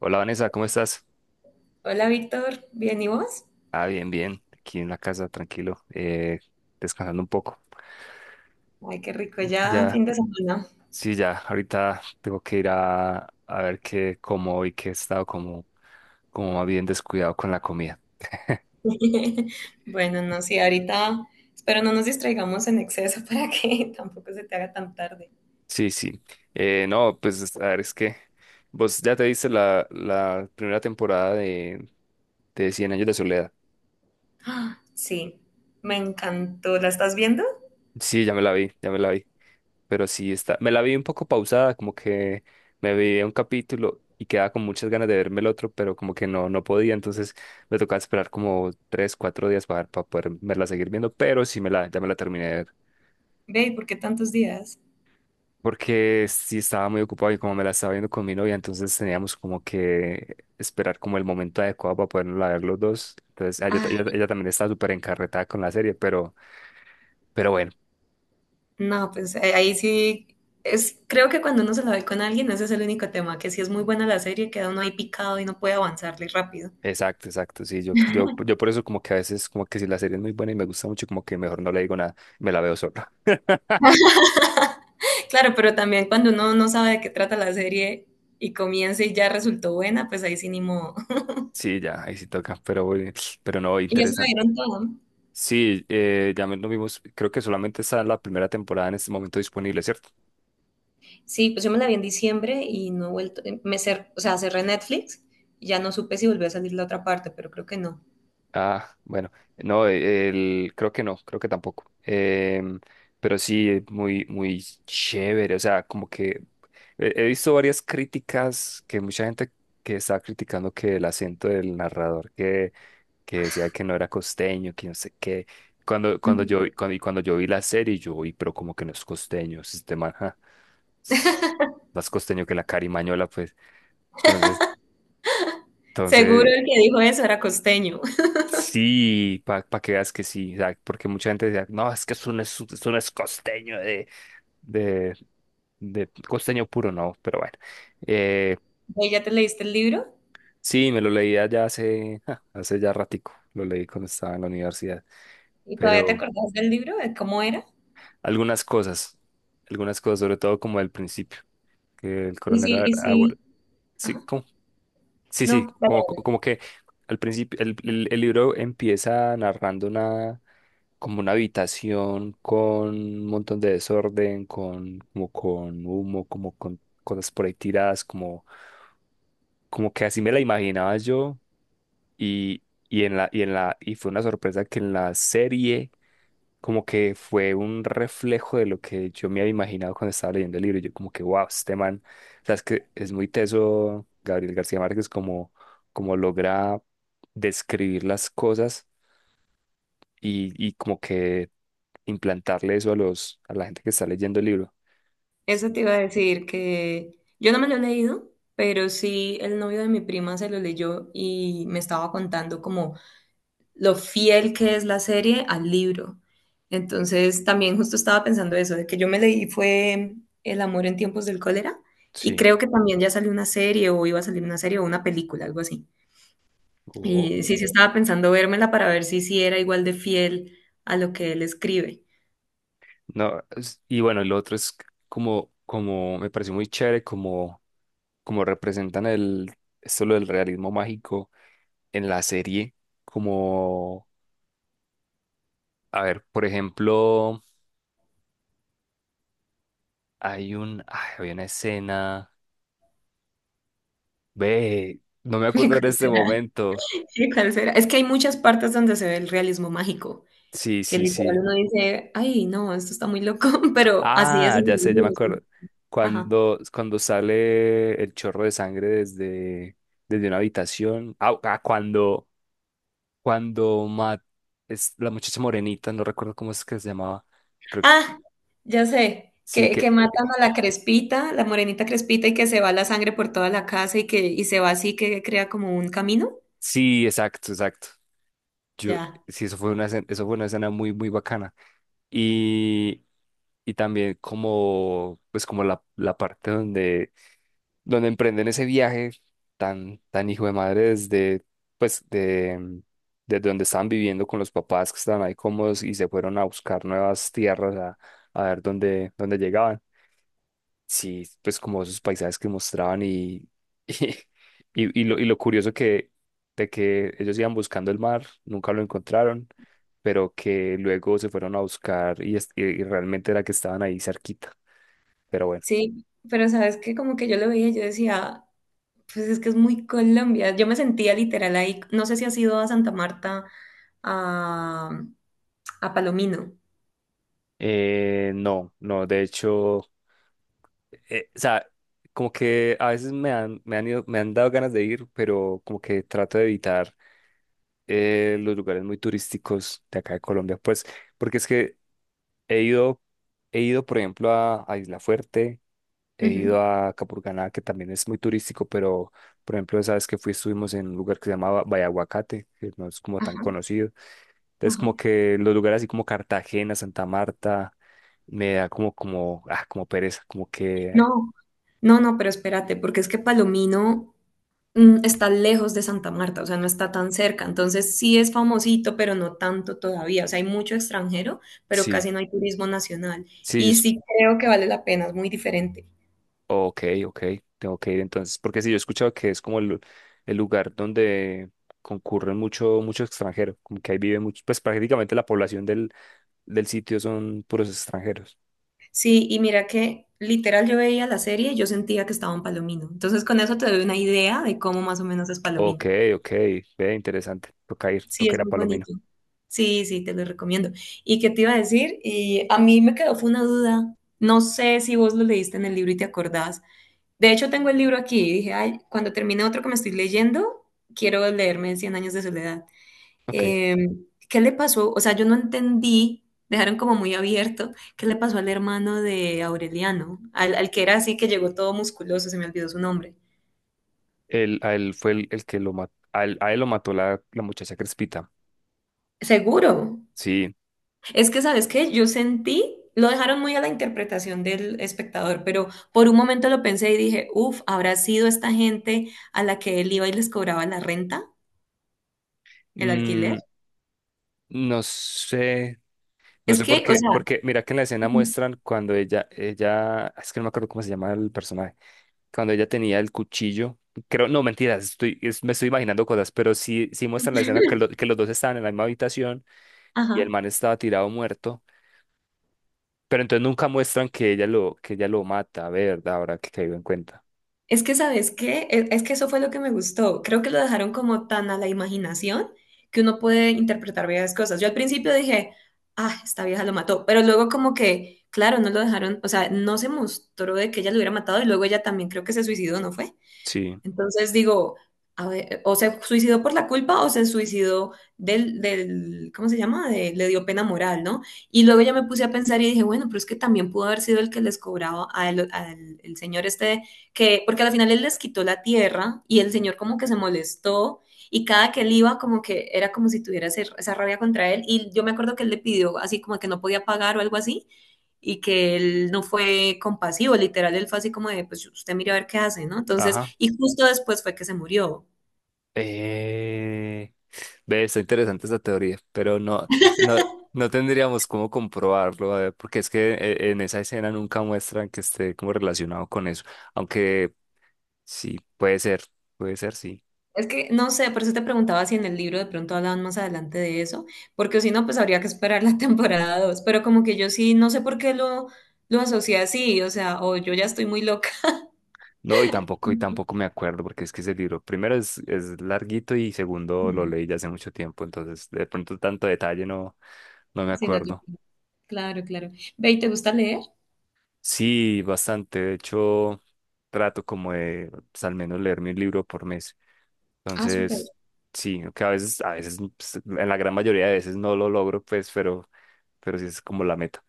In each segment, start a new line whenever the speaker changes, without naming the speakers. Hola Vanessa, ¿cómo estás?
Hola Víctor, ¿bien y vos?
Ah, bien, bien, aquí en la casa, tranquilo, descansando un poco.
Ay, qué rico, ya
Ya,
fin de semana.
sí, ya, ahorita tengo que ir a ver qué como hoy, que he estado como, como más bien descuidado con la comida.
Bueno, no, sí, ahorita espero no nos distraigamos en exceso para que tampoco se te haga tan tarde.
Sí, sí. No, pues a ver, es que vos ya te viste la primera temporada de Cien Años de Soledad.
Ah, sí, me encantó. ¿La estás viendo?
Sí, ya me la vi, ya me la vi. Pero sí está. Me la vi un poco pausada, como que me vi un capítulo y quedaba con muchas ganas de verme el otro, pero como que no, no podía, entonces me tocaba esperar como tres, cuatro días para poder verla seguir viendo, pero sí me la, ya me la terminé de ver.
Ve, ¿y por qué tantos días?
Porque sí estaba muy ocupado y como me la estaba viendo con mi novia, entonces teníamos como que esperar como el momento adecuado para poderla ver los dos. Entonces
Ay,
ella también estaba súper encarretada con la serie, pero bueno.
no, pues ahí sí, es, creo que cuando uno se la ve con alguien, ese es el único tema, que si es muy buena la serie, queda uno ahí picado y no puede avanzarle rápido.
Exacto, exacto. Sí, yo por eso como que a veces como que si la serie es muy buena y me gusta mucho, como que mejor no le digo nada, me la veo sola.
Claro, pero también cuando uno no sabe de qué trata la serie y comienza y ya resultó buena, pues ahí sí ni modo.
Sí, ya, ahí sí toca, pero, bueno, pero no,
Y ya se la
interesante.
dieron toda.
Sí, ya me- lo vimos, creo que solamente está la primera temporada en este momento disponible, ¿cierto?
Sí, pues yo me la vi en diciembre y no he vuelto, o sea, cerré Netflix y ya no supe si volvió a salir la otra parte, pero creo que no.
Ah, bueno, no, e, el, creo que no, creo que tampoco. Pero sí, es muy, muy chévere. O sea, como que he, he visto varias críticas que mucha gente que estaba criticando que el acento del narrador que decía que no era costeño, que no sé qué. Cuando, cuando
Ujú.
yo, vi- cuando, y cuando yo vi la serie, yo vi, pero como que no es costeño, es de Manja, más costeño que la carimañola, pues. Entonces,
Seguro
entonces,
el que dijo eso era costeño.
sí, para que veas que sí, o sea, porque mucha gente decía, no, es que eso no es costeño de, de costeño puro, no, pero bueno. Eh,
¿Vos ya te leíste el libro?
sí, me lo leía ya hace, ja, hace ya ratico, lo leí cuando estaba en la universidad,
¿Y todavía te
pero
acordás del libro? ¿De cómo era?
algunas cosas, algunas cosas, sobre todo como el principio, que el coronel
Y
Abor,
sí,
sí, ¿cómo? Sí, sí,
no, vale,
como,
vale.
como que al principio el libro empieza narrando una como una habitación con un montón de desorden, con como con humo, como con cosas por ahí tiradas, como como que así me la imaginaba yo y y en la y fue una sorpresa que en la serie como que fue un reflejo de lo que yo me había imaginado cuando estaba leyendo el libro. Yo como que, wow, este man, o sea, es que es muy teso Gabriel García Márquez como, como logra describir las cosas y como que implantarle eso a los, a la gente que está leyendo el libro.
Eso
Sí.
te iba a decir que yo no me lo he leído, pero sí el novio de mi prima se lo leyó y me estaba contando como lo fiel que es la serie al libro. Entonces, también justo estaba pensando eso, de que yo me leí fue El amor en tiempos del cólera y
Sí.
creo que también ya salió una serie o iba a salir una serie o una película, algo así.
Oh.
Y sí, sí estaba pensando vérmela para ver si sí era igual de fiel a lo que él escribe.
No, es- y bueno, el otro es como, como me pareció muy chévere, como, como representan el, esto lo del realismo mágico en la serie, como, a ver, por ejemplo, hay un, ay, había una escena, ve, no me
¿Y
acuerdo
cuál
en este
será?
momento,
¿Y cuál será? Es que hay muchas partes donde se ve el realismo mágico,
sí,
que
sí,
literal
sí,
uno dice, ay, no, esto está muy loco, pero así es
ah,
en
ya
el
sé, ya me
libro, ¿no?
acuerdo,
Ajá.
cuando, cuando sale el chorro de sangre desde, desde una habitación, ah, ah, cuando, cuando Matt, es la muchacha morenita, no recuerdo cómo es que se llamaba, creo,
Ah, ya sé,
sí, que,
que matan a la Crespita, la morenita Crespita, y que se va la sangre por toda la casa y se va así que crea como un camino.
sí, exacto, exacto, yo,
Ya.
sí, eso fue una, escena- eso fue una escena muy, muy bacana. Y, y también como, pues como la parte donde, donde emprenden ese viaje tan, tan hijo de madre desde, pues de, desde donde estaban viviendo con los papás que estaban ahí cómodos y se fueron a buscar nuevas tierras a ver dónde, dónde llegaban. Sí, pues como esos paisajes que mostraban y, y lo curioso que de que ellos iban buscando el mar, nunca lo encontraron, pero que luego se fueron a buscar y, es- y realmente era que estaban ahí cerquita. Pero bueno,
Sí, pero sabes que como que yo lo veía, y yo decía, pues es que es muy Colombia. Yo me sentía literal ahí. ¿No sé si has ido a Santa Marta, a, a Palomino?
no, no, de hecho, o sea, como que a veces me han ido- me han dado ganas de ir, pero como que trato de evitar los lugares muy turísticos de acá de Colombia, pues, porque es que he ido, he ido, por ejemplo, a Isla Fuerte, he
Ujú.
ido a Capurganá, que también es muy turístico, pero, por ejemplo, esa vez que fui estuvimos en un lugar que se llamaba Bayaguacate, que no es como tan
Ajá,
conocido. Entonces,
ajá.
como que los lugares así como Cartagena, Santa Marta, me da como, como, ah, como pereza, como que,
No, no, no, pero espérate, porque es que Palomino, está lejos de Santa Marta, o sea, no está tan cerca. Entonces sí es famosito, pero no tanto todavía. O sea, hay mucho extranjero, pero
sí,
casi no hay turismo nacional.
sí, yo,
Y
es-
sí creo que vale la pena, es muy diferente.
ok, ok, tengo que ir entonces, porque sí, yo he escuchado que es como el lugar donde concurren mucho, mucho extranjero, como que ahí vive mucho, pues prácticamente la población del sitio son puros extranjeros.
Sí, y mira que literal yo veía la serie y yo sentía que estaba en Palomino. Entonces con eso te doy una idea de cómo más o menos es
Ok,
Palomino.
ok, ve, interesante.
Sí,
Toca
es
ir a
muy
Palomino.
bonito. Sí, sí, te lo recomiendo. ¿Y qué te iba a decir? Y a mí me quedó fue una duda. No sé si vos lo leíste en el libro y te acordás. De hecho, tengo el libro aquí y dije, ay, cuando termine otro que me estoy leyendo, quiero leerme Cien años de soledad.
Ok.
Eh, ¿Qué le pasó? O sea, yo no entendí, dejaron como muy abierto, ¿qué le pasó al hermano de Aureliano? Al que era así, que llegó todo musculoso, se me olvidó su nombre.
Él, a él fue el que lo mató, a él lo mató la muchacha Crespita.
Seguro.
Sí.
Es que, ¿sabes qué? Yo sentí, lo dejaron muy a la interpretación del espectador, pero por un momento lo pensé y dije, uff, ¿habrá sido esta gente a la que él iba y les cobraba la renta, el alquiler?
Mm, no sé, no
Es
sé por
que, o
qué,
sea...
porque mira que en la escena muestran cuando es que no me acuerdo cómo se llama el personaje, cuando ella tenía el cuchillo. Creo, no, mentiras, estoy, es- me estoy imaginando cosas, pero sí, sí muestran la escena que, lo- que los dos estaban en la misma habitación y el
Ajá.
man estaba tirado muerto. Pero entonces nunca muestran que ella lo mata, ¿verdad? Ahora que caigo en cuenta.
Es que, ¿sabes qué? Es que eso fue lo que me gustó. Creo que lo dejaron como tan a la imaginación que uno puede interpretar varias cosas. Yo al principio dije, ah, esta vieja lo mató, pero luego como que, claro, no lo dejaron, o sea, no se mostró de que ella lo hubiera matado y luego ella también creo que se suicidó, ¿no fue?
Sí,
Entonces digo, a ver, o se suicidó por la culpa o se suicidó ¿cómo se llama? De- le dio pena moral, ¿no? Y luego ya me puse a pensar y dije, bueno, pero es que también pudo haber sido el que les cobraba al, al el señor este, que, porque al final él les quitó la tierra y el señor como que se molestó. Y cada que él iba, como que era como si tuviera esa rabia contra él. Y yo me acuerdo que él le pidió así como que no podía pagar o algo así y que él no fue compasivo, literal, él fue así como de, pues usted mire a ver qué hace, ¿no? Entonces,
ajá.
y justo después fue que se murió.
Eh... Ve, está interesante esa teoría, pero no, no, no tendríamos cómo comprobarlo, a ver, porque es que en esa escena nunca muestran que esté como relacionado con eso, aunque sí, puede ser, sí.
Es que no sé, por eso te preguntaba si en el libro de pronto hablaban más adelante de eso, porque si no, pues habría que esperar la temporada dos, pero como que yo sí, no sé por qué lo asocié así, o sea, o yo ya estoy muy loca.
No, y tampoco me acuerdo, porque es que ese libro, primero es larguito y segundo
Ujú.
lo leí ya hace mucho tiempo, entonces de pronto tanto detalle no, no me
Sí, no te-
acuerdo.
Claro, claro. Ve, ¿y te gusta leer?
Sí, bastante. De hecho, trato como de pues, al menos leerme un libro por mes.
Ah, súper.
Entonces, sí, que a veces, pues, en la gran mayoría de veces no lo logro, pues, pero sí es como la meta.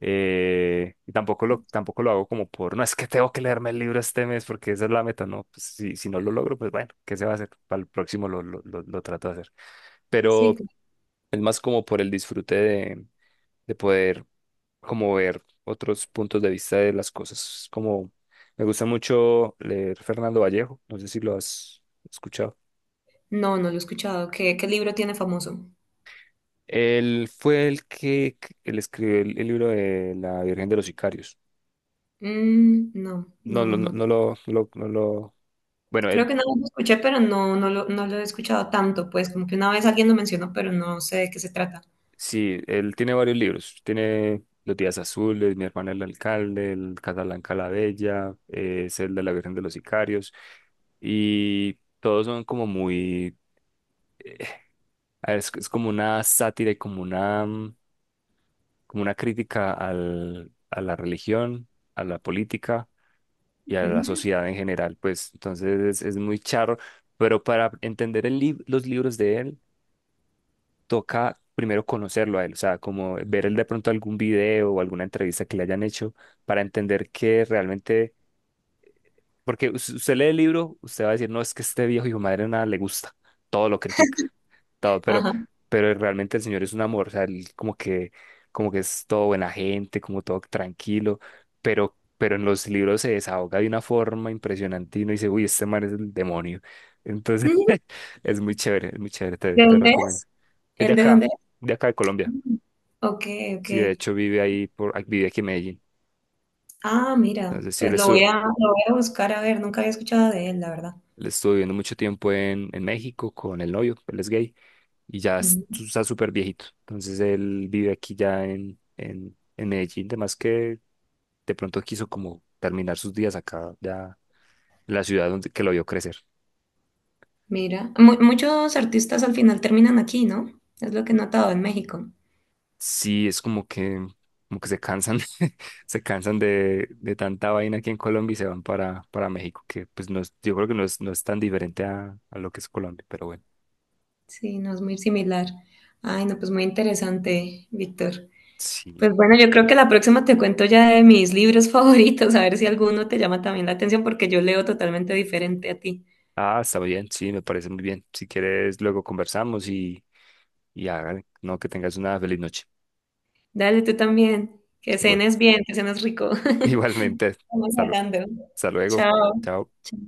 Y tampoco lo, tampoco lo hago como por, no, es que tengo que leerme el libro este mes porque esa es la meta, no, pues si, si no lo logro, pues bueno, ¿qué se va a hacer? Para el próximo lo trato de hacer.
Sí,
Pero
claro.
es más como por el disfrute de poder como ver otros puntos de vista de las cosas. Como me gusta mucho leer Fernando Vallejo, no sé si lo has escuchado.
No, no lo he escuchado. ¿Qué, qué libro tiene famoso?
Él fue el que- él escribió el libro de La Virgen de los Sicarios.
Mm, no,
No,
no,
lo-
no, no.
Bueno,
Creo
él
que no lo escuché, pero no, no lo he escuchado tanto, pues como que una vez alguien lo mencionó, pero no sé de qué se trata.
sí, él tiene varios libros. Tiene Los Días Azules, Mi hermana el alcalde, El Casablanca la Bella, es el de la Virgen de los Sicarios. Y todos son como muy eh, a ver, es como una sátira y como una, como una crítica al, a la religión, a la política y a la
Mm.
sociedad en general, pues entonces es muy charro, pero para entender el lib- los libros de él, toca primero conocerlo a él, o sea, como ver él de pronto algún video o alguna entrevista que le hayan hecho para entender que realmente porque us- usted lee el libro, usted va a decir, no, es que este viejo hijo de madre nada le gusta, todo lo critica, todo,
Ajá.
pero realmente el Señor es un amor, o sea, él como que es todo buena gente, como todo tranquilo, pero en los libros se desahoga de una forma impresionante y uno dice, uy, este man es el demonio. Entonces,
Mm.
es muy chévere, te,
¿De
te
dónde
recomiendo.
es?
Es de
¿El de
acá,
dónde es?
de acá de Colombia.
Mm. Ok, ok.
Sí, de hecho vive ahí, por, vive aquí en Medellín.
Ah, mira,
Entonces, sí,
pues lo voy a buscar a ver, nunca había escuchado de él, la verdad.
él estuvo viviendo mucho tiempo en México con el novio, él es gay. Y ya es-
Mm.
está súper viejito. Entonces él vive aquí ya en Medellín, además que de pronto quiso como terminar sus días acá, ya en la ciudad donde que lo vio crecer.
Mira, muchos artistas al final terminan aquí, ¿no? Es lo que he notado en México.
Sí, es como que se cansan, se cansan de tanta vaina aquí en Colombia y se van para México, que pues no es- yo creo que no es, no es tan diferente a lo que es Colombia, pero bueno,
Sí, no es muy similar. Ay, no, pues muy interesante, Víctor.
sí.
Pues bueno, yo creo que la próxima te cuento ya de mis libros favoritos, a ver si alguno te llama también la atención, porque yo leo totalmente diferente a ti.
Ah, está bien, sí, me parece muy bien. Si quieres, luego conversamos y hagan, no, que tengas una feliz noche.
Dale tú también, que
Igual.
cenes bien, que cenes rico.
Igualmente,
Vamos
salud.
hablando.
Hasta luego.
Chao.
Chao.